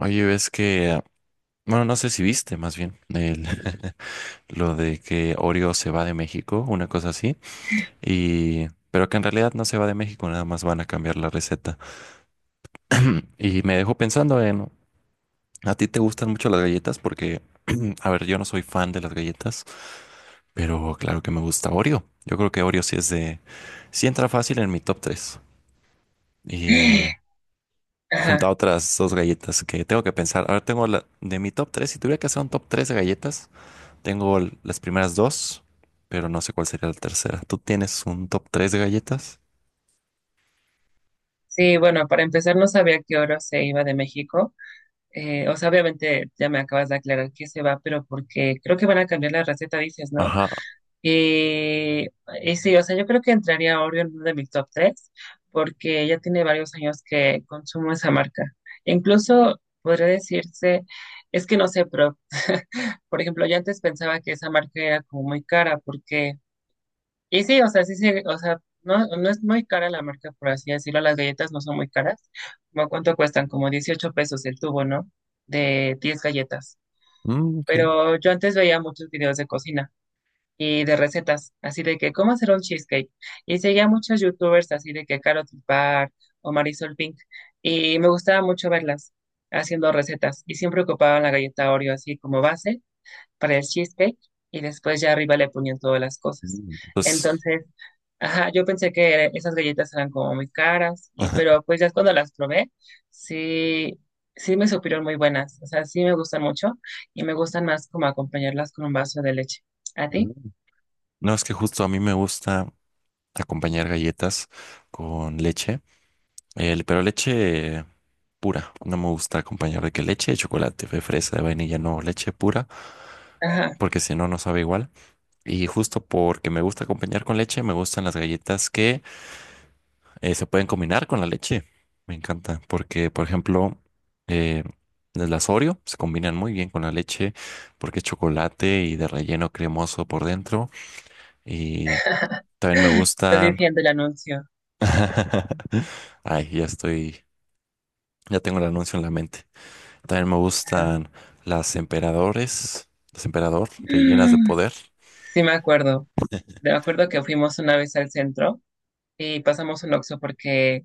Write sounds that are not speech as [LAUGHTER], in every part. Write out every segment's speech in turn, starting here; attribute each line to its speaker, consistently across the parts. Speaker 1: Oye, ves que, bueno, no sé si viste más bien [LAUGHS] lo de que Oreo se va de México, una cosa así, pero que en realidad no se va de México, nada más van a cambiar la receta. [CLEARS THROAT] Y me dejó pensando en, ¿a ti te gustan mucho las galletas? Porque, [CLEARS THROAT] a ver, yo no soy fan de las galletas, pero claro que me gusta Oreo. Yo creo que Oreo sí entra fácil en mi top tres. Y junto a
Speaker 2: Ajá.
Speaker 1: otras dos galletas que tengo que pensar, ahora de mi top 3 si tuviera que hacer un top 3 de galletas. Tengo las primeras dos, pero no sé cuál sería la tercera. ¿Tú tienes un top 3 de galletas?
Speaker 2: Sí, bueno, para empezar no sabía que Oro se iba de México. O sea, obviamente ya me acabas de aclarar que se va, pero porque creo que van a cambiar la receta, dices, ¿no?
Speaker 1: Ajá.
Speaker 2: Y, y sí, o sea, yo creo que entraría Oreo en uno de mis top tres, porque ya tiene varios años que consumo esa marca. Incluso podría decirse, es que no sé, pero [LAUGHS] por ejemplo, yo antes pensaba que esa marca era como muy cara, porque… Y sí, o sea, sí, sí o sea, no, no es muy cara la marca, por así decirlo, las galletas no son muy caras. ¿Cómo ¿Cuánto cuestan? Como 18 pesos el tubo, ¿no? De 10 galletas.
Speaker 1: Mm, sí.
Speaker 2: Pero yo antes veía muchos videos de cocina y de recetas, así de que cómo hacer un cheesecake. Y seguía muchos youtubers así de que Carol Bar o Marisol Pink. Y me gustaba mucho verlas haciendo recetas y siempre ocupaban la galleta Oreo así como base para el cheesecake y después ya arriba le ponían todas las cosas.
Speaker 1: Mm. Pues,
Speaker 2: Entonces, ajá, yo pensé que esas galletas eran como muy caras, y,
Speaker 1: ajá.
Speaker 2: pero pues ya cuando las probé, sí, sí me supieron muy buenas. O sea, sí me gustan mucho y me gustan más como acompañarlas con un vaso de leche. ¿A ti?
Speaker 1: Mm. No, es que justo a mí me gusta acompañar galletas con leche, pero leche pura. No me gusta acompañar de que leche de chocolate, de fresa, de vainilla, no, leche pura,
Speaker 2: Ajá.
Speaker 1: porque si no, no sabe igual. Y justo porque me gusta acompañar con leche, me gustan las galletas que se pueden combinar con la leche. Me encanta, porque, por ejemplo, eh, las Oreo se combinan muy bien con la leche porque es chocolate y de relleno cremoso por dentro. Y también me
Speaker 2: [LAUGHS] Estás
Speaker 1: gustan.
Speaker 2: diciendo el anuncio.
Speaker 1: [LAUGHS] Ay, ya tengo el anuncio en la mente. También me
Speaker 2: Ajá.
Speaker 1: gustan las emperador de llenas de
Speaker 2: Mm,
Speaker 1: poder.
Speaker 2: sí me acuerdo. Me acuerdo que fuimos una vez al centro y pasamos un Oxxo porque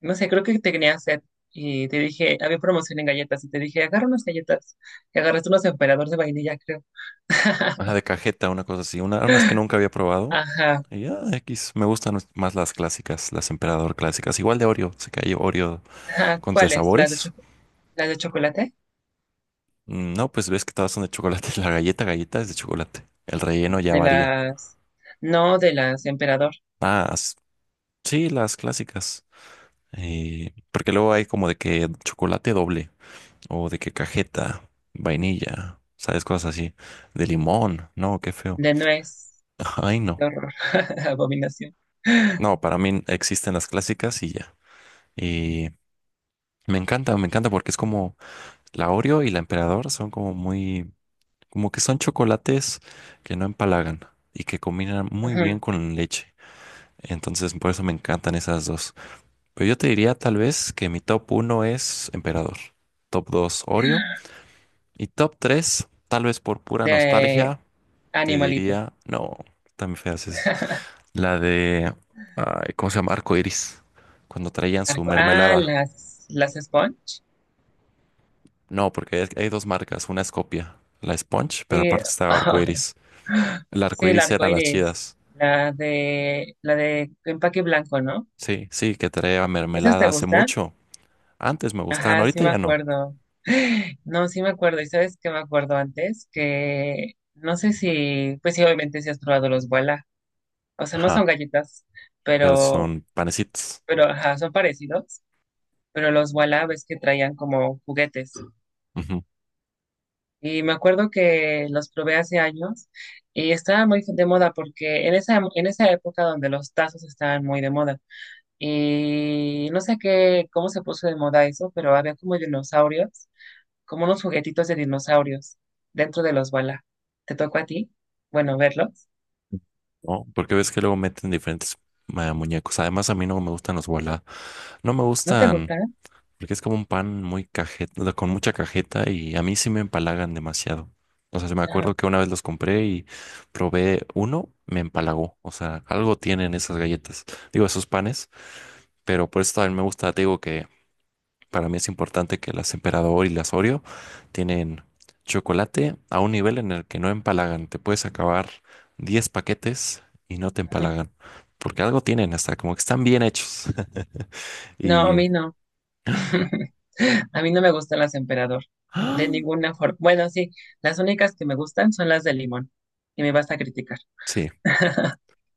Speaker 2: no sé, creo que te tenía sed y te dije, había promoción en galletas y te dije, agarra unas galletas. Y agarraste unos emperadores de vainilla, creo.
Speaker 1: Ajá,
Speaker 2: [LAUGHS]
Speaker 1: de cajeta, una cosa así, unas que nunca había probado.
Speaker 2: Ajá.
Speaker 1: Y ya, X, me gustan más las clásicas, las emperador clásicas. Igual de Oreo, sé que hay Oreo.
Speaker 2: Ajá.
Speaker 1: Con de
Speaker 2: ¿Cuáles? ¿Las de
Speaker 1: sabores.
Speaker 2: las de chocolate?
Speaker 1: Mm, no, pues ves que todas son de chocolate. [LAUGHS] La galleta, galleta es de chocolate. El relleno ya
Speaker 2: De
Speaker 1: varía.
Speaker 2: las... No, de las emperador.
Speaker 1: Ah, sí, las clásicas. Porque luego hay como de que chocolate doble o de que cajeta, vainilla, sabes, cosas así. De limón. No, qué feo.
Speaker 2: De nuez.
Speaker 1: [LAUGHS] Ay,
Speaker 2: Qué
Speaker 1: no.
Speaker 2: horror. [LAUGHS] Abominación.
Speaker 1: No, para mí existen las clásicas y ya. Y me encanta porque es como la Oreo y la Emperador son como muy. Como que son chocolates que no empalagan y que combinan muy bien
Speaker 2: Ujú.
Speaker 1: con leche. Entonces, por eso me encantan esas dos. Pero yo te diría tal vez que mi top uno es Emperador, top 2 Oreo y top 3 tal vez por pura
Speaker 2: De
Speaker 1: nostalgia, te
Speaker 2: animalito.
Speaker 1: diría, no, también feas es
Speaker 2: [LAUGHS]
Speaker 1: la de, ay, ¿cómo se llama? Arco Iris, cuando traían su
Speaker 2: Ah,
Speaker 1: mermelada.
Speaker 2: las sponge.
Speaker 1: No, porque hay dos marcas, una es copia, la Sponge, pero
Speaker 2: Sí,
Speaker 1: aparte estaba Arco
Speaker 2: [LAUGHS]
Speaker 1: Iris. El Arco
Speaker 2: sí, el
Speaker 1: Iris
Speaker 2: arco
Speaker 1: eran las
Speaker 2: iris.
Speaker 1: chidas.
Speaker 2: La de empaque blanco, ¿no?
Speaker 1: Sí, sí, que traía
Speaker 2: ¿Esas
Speaker 1: mermelada
Speaker 2: te
Speaker 1: hace
Speaker 2: gustan?
Speaker 1: mucho. Antes me gustaban,
Speaker 2: Ajá, sí
Speaker 1: ahorita
Speaker 2: me
Speaker 1: ya no.
Speaker 2: acuerdo. [GASPS] [SIGHS] No, sí me acuerdo. ¿Y sabes qué me acuerdo antes? Que no sé si, pues sí, obviamente si has probado los Wala. O sea, no son
Speaker 1: Ajá,
Speaker 2: galletas,
Speaker 1: pero
Speaker 2: pero,
Speaker 1: son panecitos.
Speaker 2: pero, ajá, son parecidos. Pero los Wala ves que traían como juguetes.
Speaker 1: Ujú.
Speaker 2: Y me acuerdo que los probé hace años y estaban muy de moda porque en esa época donde los tazos estaban muy de moda. Y no sé qué, cómo se puso de moda eso, pero había como dinosaurios como unos juguetitos de dinosaurios dentro de los Bala. ¿Te tocó a ti? Bueno, verlos.
Speaker 1: ¿No? Porque ves que luego meten diferentes muñecos. Además, a mí no me gustan los voilà. No me
Speaker 2: ¿No te
Speaker 1: gustan
Speaker 2: gustan?
Speaker 1: porque es como un pan muy cajeta, con mucha cajeta y a mí sí me empalagan demasiado. O sea, se me
Speaker 2: Ajá,
Speaker 1: acuerdo que una vez los compré y probé uno, me empalagó. O sea, algo tienen esas galletas, digo, esos panes, pero por eso también me gusta, te digo que para mí es importante que las Emperador y las Oreo tienen chocolate a un nivel en el que no empalagan. Te puedes acabar 10 paquetes y no te
Speaker 2: ajá.
Speaker 1: empalagan, porque algo tienen hasta como que están bien hechos. [LAUGHS]
Speaker 2: No, a
Speaker 1: Y
Speaker 2: mí no. [LAUGHS] A mí no me gustan las emperador, de
Speaker 1: ¡Ah!
Speaker 2: ninguna forma. Bueno, sí, las únicas que me gustan son las de limón, y me vas a criticar.
Speaker 1: Sí,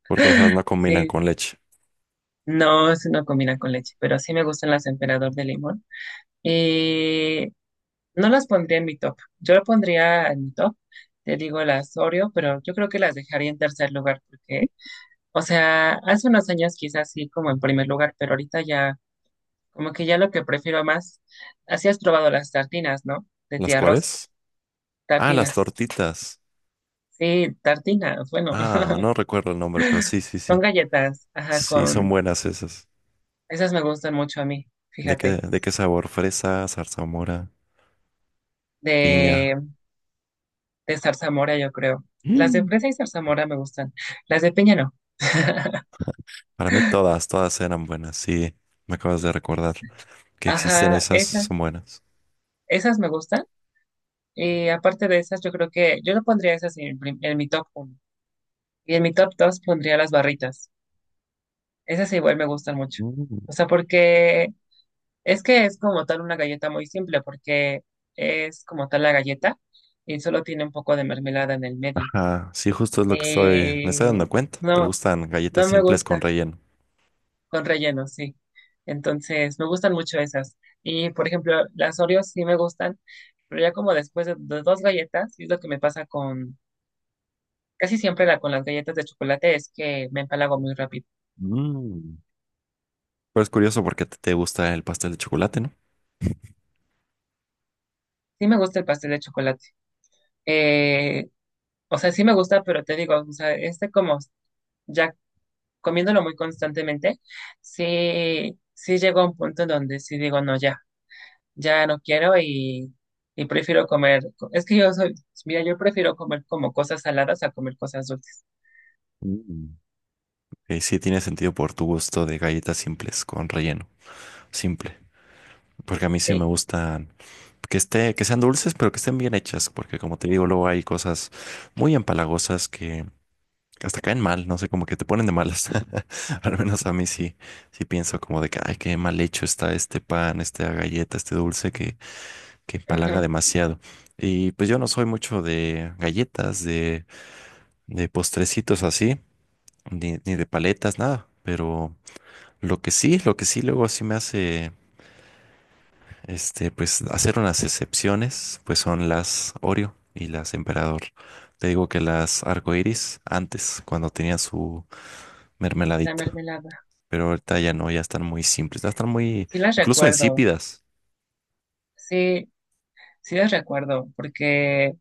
Speaker 1: porque esas no combinan
Speaker 2: Sí,
Speaker 1: con leche.
Speaker 2: no, eso no combina con leche, pero sí me gustan las emperador de limón. Y no las pondría en mi top. Yo lo pondría en mi top, te digo las Oreo, pero yo creo que las dejaría en tercer lugar, porque… O sea, hace unos años quizás sí como en primer lugar, pero ahorita ya, como que ya lo que prefiero más, así has probado las tartinas, ¿no? De
Speaker 1: ¿Las
Speaker 2: tía Rosa,
Speaker 1: cuáles? Ah, las
Speaker 2: tartinas.
Speaker 1: tortitas.
Speaker 2: Sí, tartinas, bueno,
Speaker 1: Ah,
Speaker 2: [LAUGHS]
Speaker 1: no recuerdo el nombre, pero sí, sí,
Speaker 2: son
Speaker 1: sí.
Speaker 2: galletas, ajá,
Speaker 1: Sí, son
Speaker 2: con,
Speaker 1: buenas esas.
Speaker 2: esas me gustan mucho a mí,
Speaker 1: ¿De qué,
Speaker 2: fíjate,
Speaker 1: de qué sabor? Fresa, zarzamora,
Speaker 2: de,
Speaker 1: piña.
Speaker 2: de zarzamora yo creo. Las de
Speaker 1: Mm.
Speaker 2: fresa y zarzamora me gustan, las de piña no. [LAUGHS]
Speaker 1: Para mí todas, todas eran buenas, sí, me acabas de recordar que existen
Speaker 2: Ajá,
Speaker 1: esas,
Speaker 2: esas,
Speaker 1: son buenas.
Speaker 2: esas me gustan. Y aparte de esas, yo creo que yo lo pondría esas en, en mi top uno. Y en mi top 2 pondría las barritas. Esas igual me gustan mucho.
Speaker 1: Mm.
Speaker 2: O sea, porque es que es como tal una galleta muy simple, porque es como tal la galleta y solo tiene un poco de mermelada en el medio.
Speaker 1: Ajá, sí, justo es lo que me estoy
Speaker 2: Eh,
Speaker 1: dando cuenta. Te
Speaker 2: no,
Speaker 1: gustan galletas
Speaker 2: no me
Speaker 1: simples con
Speaker 2: gusta
Speaker 1: relleno.
Speaker 2: con relleno, sí. Entonces, me gustan mucho esas. Y, por ejemplo, las Oreos sí me gustan, pero ya como después de dos galletas, y es lo que me pasa casi siempre con las galletas de chocolate, es que me empalago muy rápido.
Speaker 1: Mm. Pero es curioso porque te gusta el pastel de chocolate, ¿no?
Speaker 2: Sí me gusta el pastel de chocolate. Eh, O sea, sí me gusta, pero te digo, o sea, este como ya comiéndolo muy constantemente, sí, sí llegó a un punto en donde sí digo, no, ya, ya no quiero y prefiero comer. Es que yo soy, mira, yo prefiero comer como cosas saladas a comer cosas dulces.
Speaker 1: Mm. Y sí, tiene sentido por tu gusto de galletas simples con relleno, simple. Porque a mí sí me
Speaker 2: Sí,
Speaker 1: gustan que sean dulces, pero que estén bien hechas, porque como te digo, luego hay cosas muy empalagosas que hasta caen mal, no sé, como que te ponen de malas. [LAUGHS] Al menos a mí sí, pienso como de que, ay, qué mal hecho está este pan, esta galleta, este dulce que empalaga
Speaker 2: ajá,
Speaker 1: demasiado. Y pues yo no soy mucho de galletas, de postrecitos así, ni de paletas, nada. Pero lo que sí luego sí me hace, pues hacer unas excepciones, pues son las Oreo y las Emperador. Te digo que las arcoíris antes, cuando tenían su
Speaker 2: la
Speaker 1: mermeladita.
Speaker 2: mermelada.
Speaker 1: Pero ahorita ya no, ya están muy simples, ya están muy,
Speaker 2: Sí las
Speaker 1: incluso
Speaker 2: recuerdo,
Speaker 1: insípidas.
Speaker 2: sí, sí las recuerdo, porque,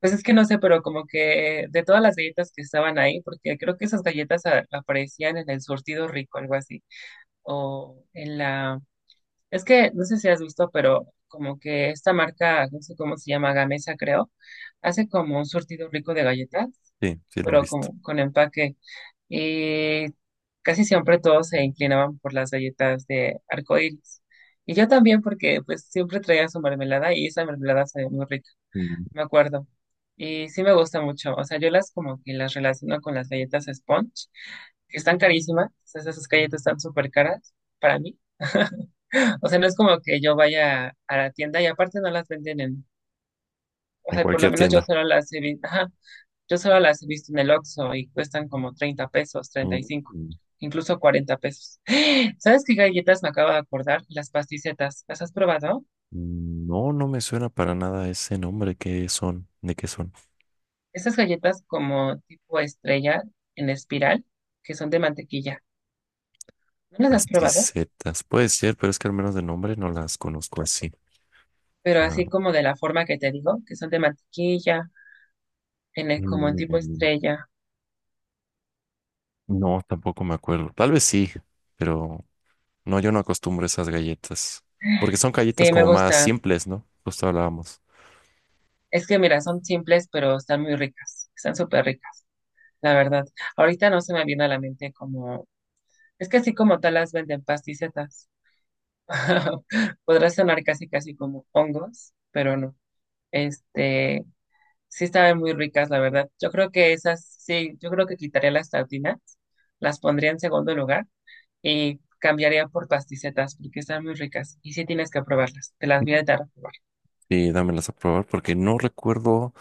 Speaker 2: pues es que no sé, pero como que de todas las galletas que estaban ahí, porque creo que esas galletas aparecían en el surtido rico, algo así o en la... Es que no sé si has visto, pero como que esta marca, no sé cómo se llama, Gamesa creo, hace como un surtido rico de galletas,
Speaker 1: Sí, sí, lo he
Speaker 2: pero
Speaker 1: visto.
Speaker 2: como con empaque. Y casi siempre todos se inclinaban por las galletas de arcoíris. Y yo también porque pues siempre traía su mermelada y esa mermelada sabía muy rica,
Speaker 1: Mm.
Speaker 2: me acuerdo. Y sí me gusta mucho. O sea, yo las como que las relaciono con las galletas Sponge, que están carísimas. O sea, esas galletas están súper caras para mí. [LAUGHS] O sea, no es como que yo vaya a la tienda y aparte no las venden en, o
Speaker 1: En
Speaker 2: sea, por lo
Speaker 1: cualquier
Speaker 2: menos yo
Speaker 1: tienda.
Speaker 2: solo las he visto, ajá, yo solo las he visto en el Oxxo y cuestan como 30 pesos, treinta y
Speaker 1: Mm.
Speaker 2: cinco
Speaker 1: Mm,
Speaker 2: incluso 40 pesos. [GASPS] ¿Sabes qué galletas me acabo de acordar? Las pasticetas. ¿Las has probado?
Speaker 1: mm, no, no me suena para nada ese nombre. ¿Qué son? ¿De qué son?
Speaker 2: Estas galletas como tipo estrella en espiral, que son de mantequilla. ¿No las has probado?
Speaker 1: Pasticetas. Puede ser, pero es que al menos de nombre no las conozco así.
Speaker 2: Pero
Speaker 1: Ah,
Speaker 2: así como de la forma que te digo, que son de mantequilla, como en tipo
Speaker 1: mm,
Speaker 2: estrella.
Speaker 1: no, tampoco me acuerdo. Tal vez sí, pero no, yo no acostumbro a esas galletas. Porque son galletas
Speaker 2: Sí, me
Speaker 1: como más
Speaker 2: gustan.
Speaker 1: simples, ¿no? Justo hablábamos.
Speaker 2: Es que mira, son simples, pero están muy ricas. Están súper ricas, la verdad. Ahorita no se me viene a la mente como... Es que así como tal las venden pasticetas. [LAUGHS] Podrá sonar casi casi como hongos, pero no. Este, sí estaban muy ricas, la verdad. Yo creo que esas, sí, yo creo que quitaría las tartinas, las pondría en segundo lugar y cambiaría por pasticetas porque están muy ricas y sí tienes que probarlas. Te las voy a dar a probar.
Speaker 1: Sí, dámelas a probar porque no recuerdo.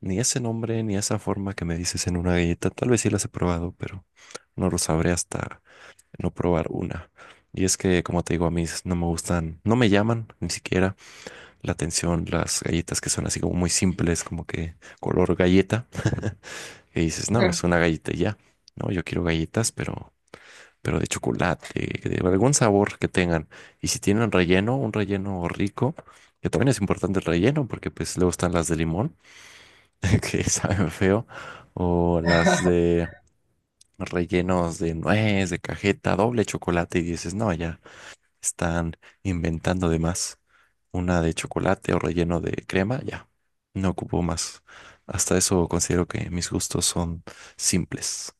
Speaker 1: Ni ese nombre, ni esa forma que me dices en una galleta, tal vez sí las he probado, pero no lo sabré hasta no probar una. Y es que, como te digo, a mí no me gustan, no me llaman ni siquiera la atención las galletas que son así como muy simples, como que color galleta, que dices, no, es
Speaker 2: [LAUGHS]
Speaker 1: una galleta y ya. No, yo quiero galletas, pero de chocolate, que de algún sabor que tengan. Y si tienen relleno, un relleno rico, que también es importante el relleno, porque pues luego están las de limón [LAUGHS] que saben feo, o las de rellenos de nuez, de cajeta, doble chocolate, y dices, no, ya están inventando de más. Una de chocolate o relleno de crema, ya, no ocupo más. Hasta eso considero que mis gustos son simples.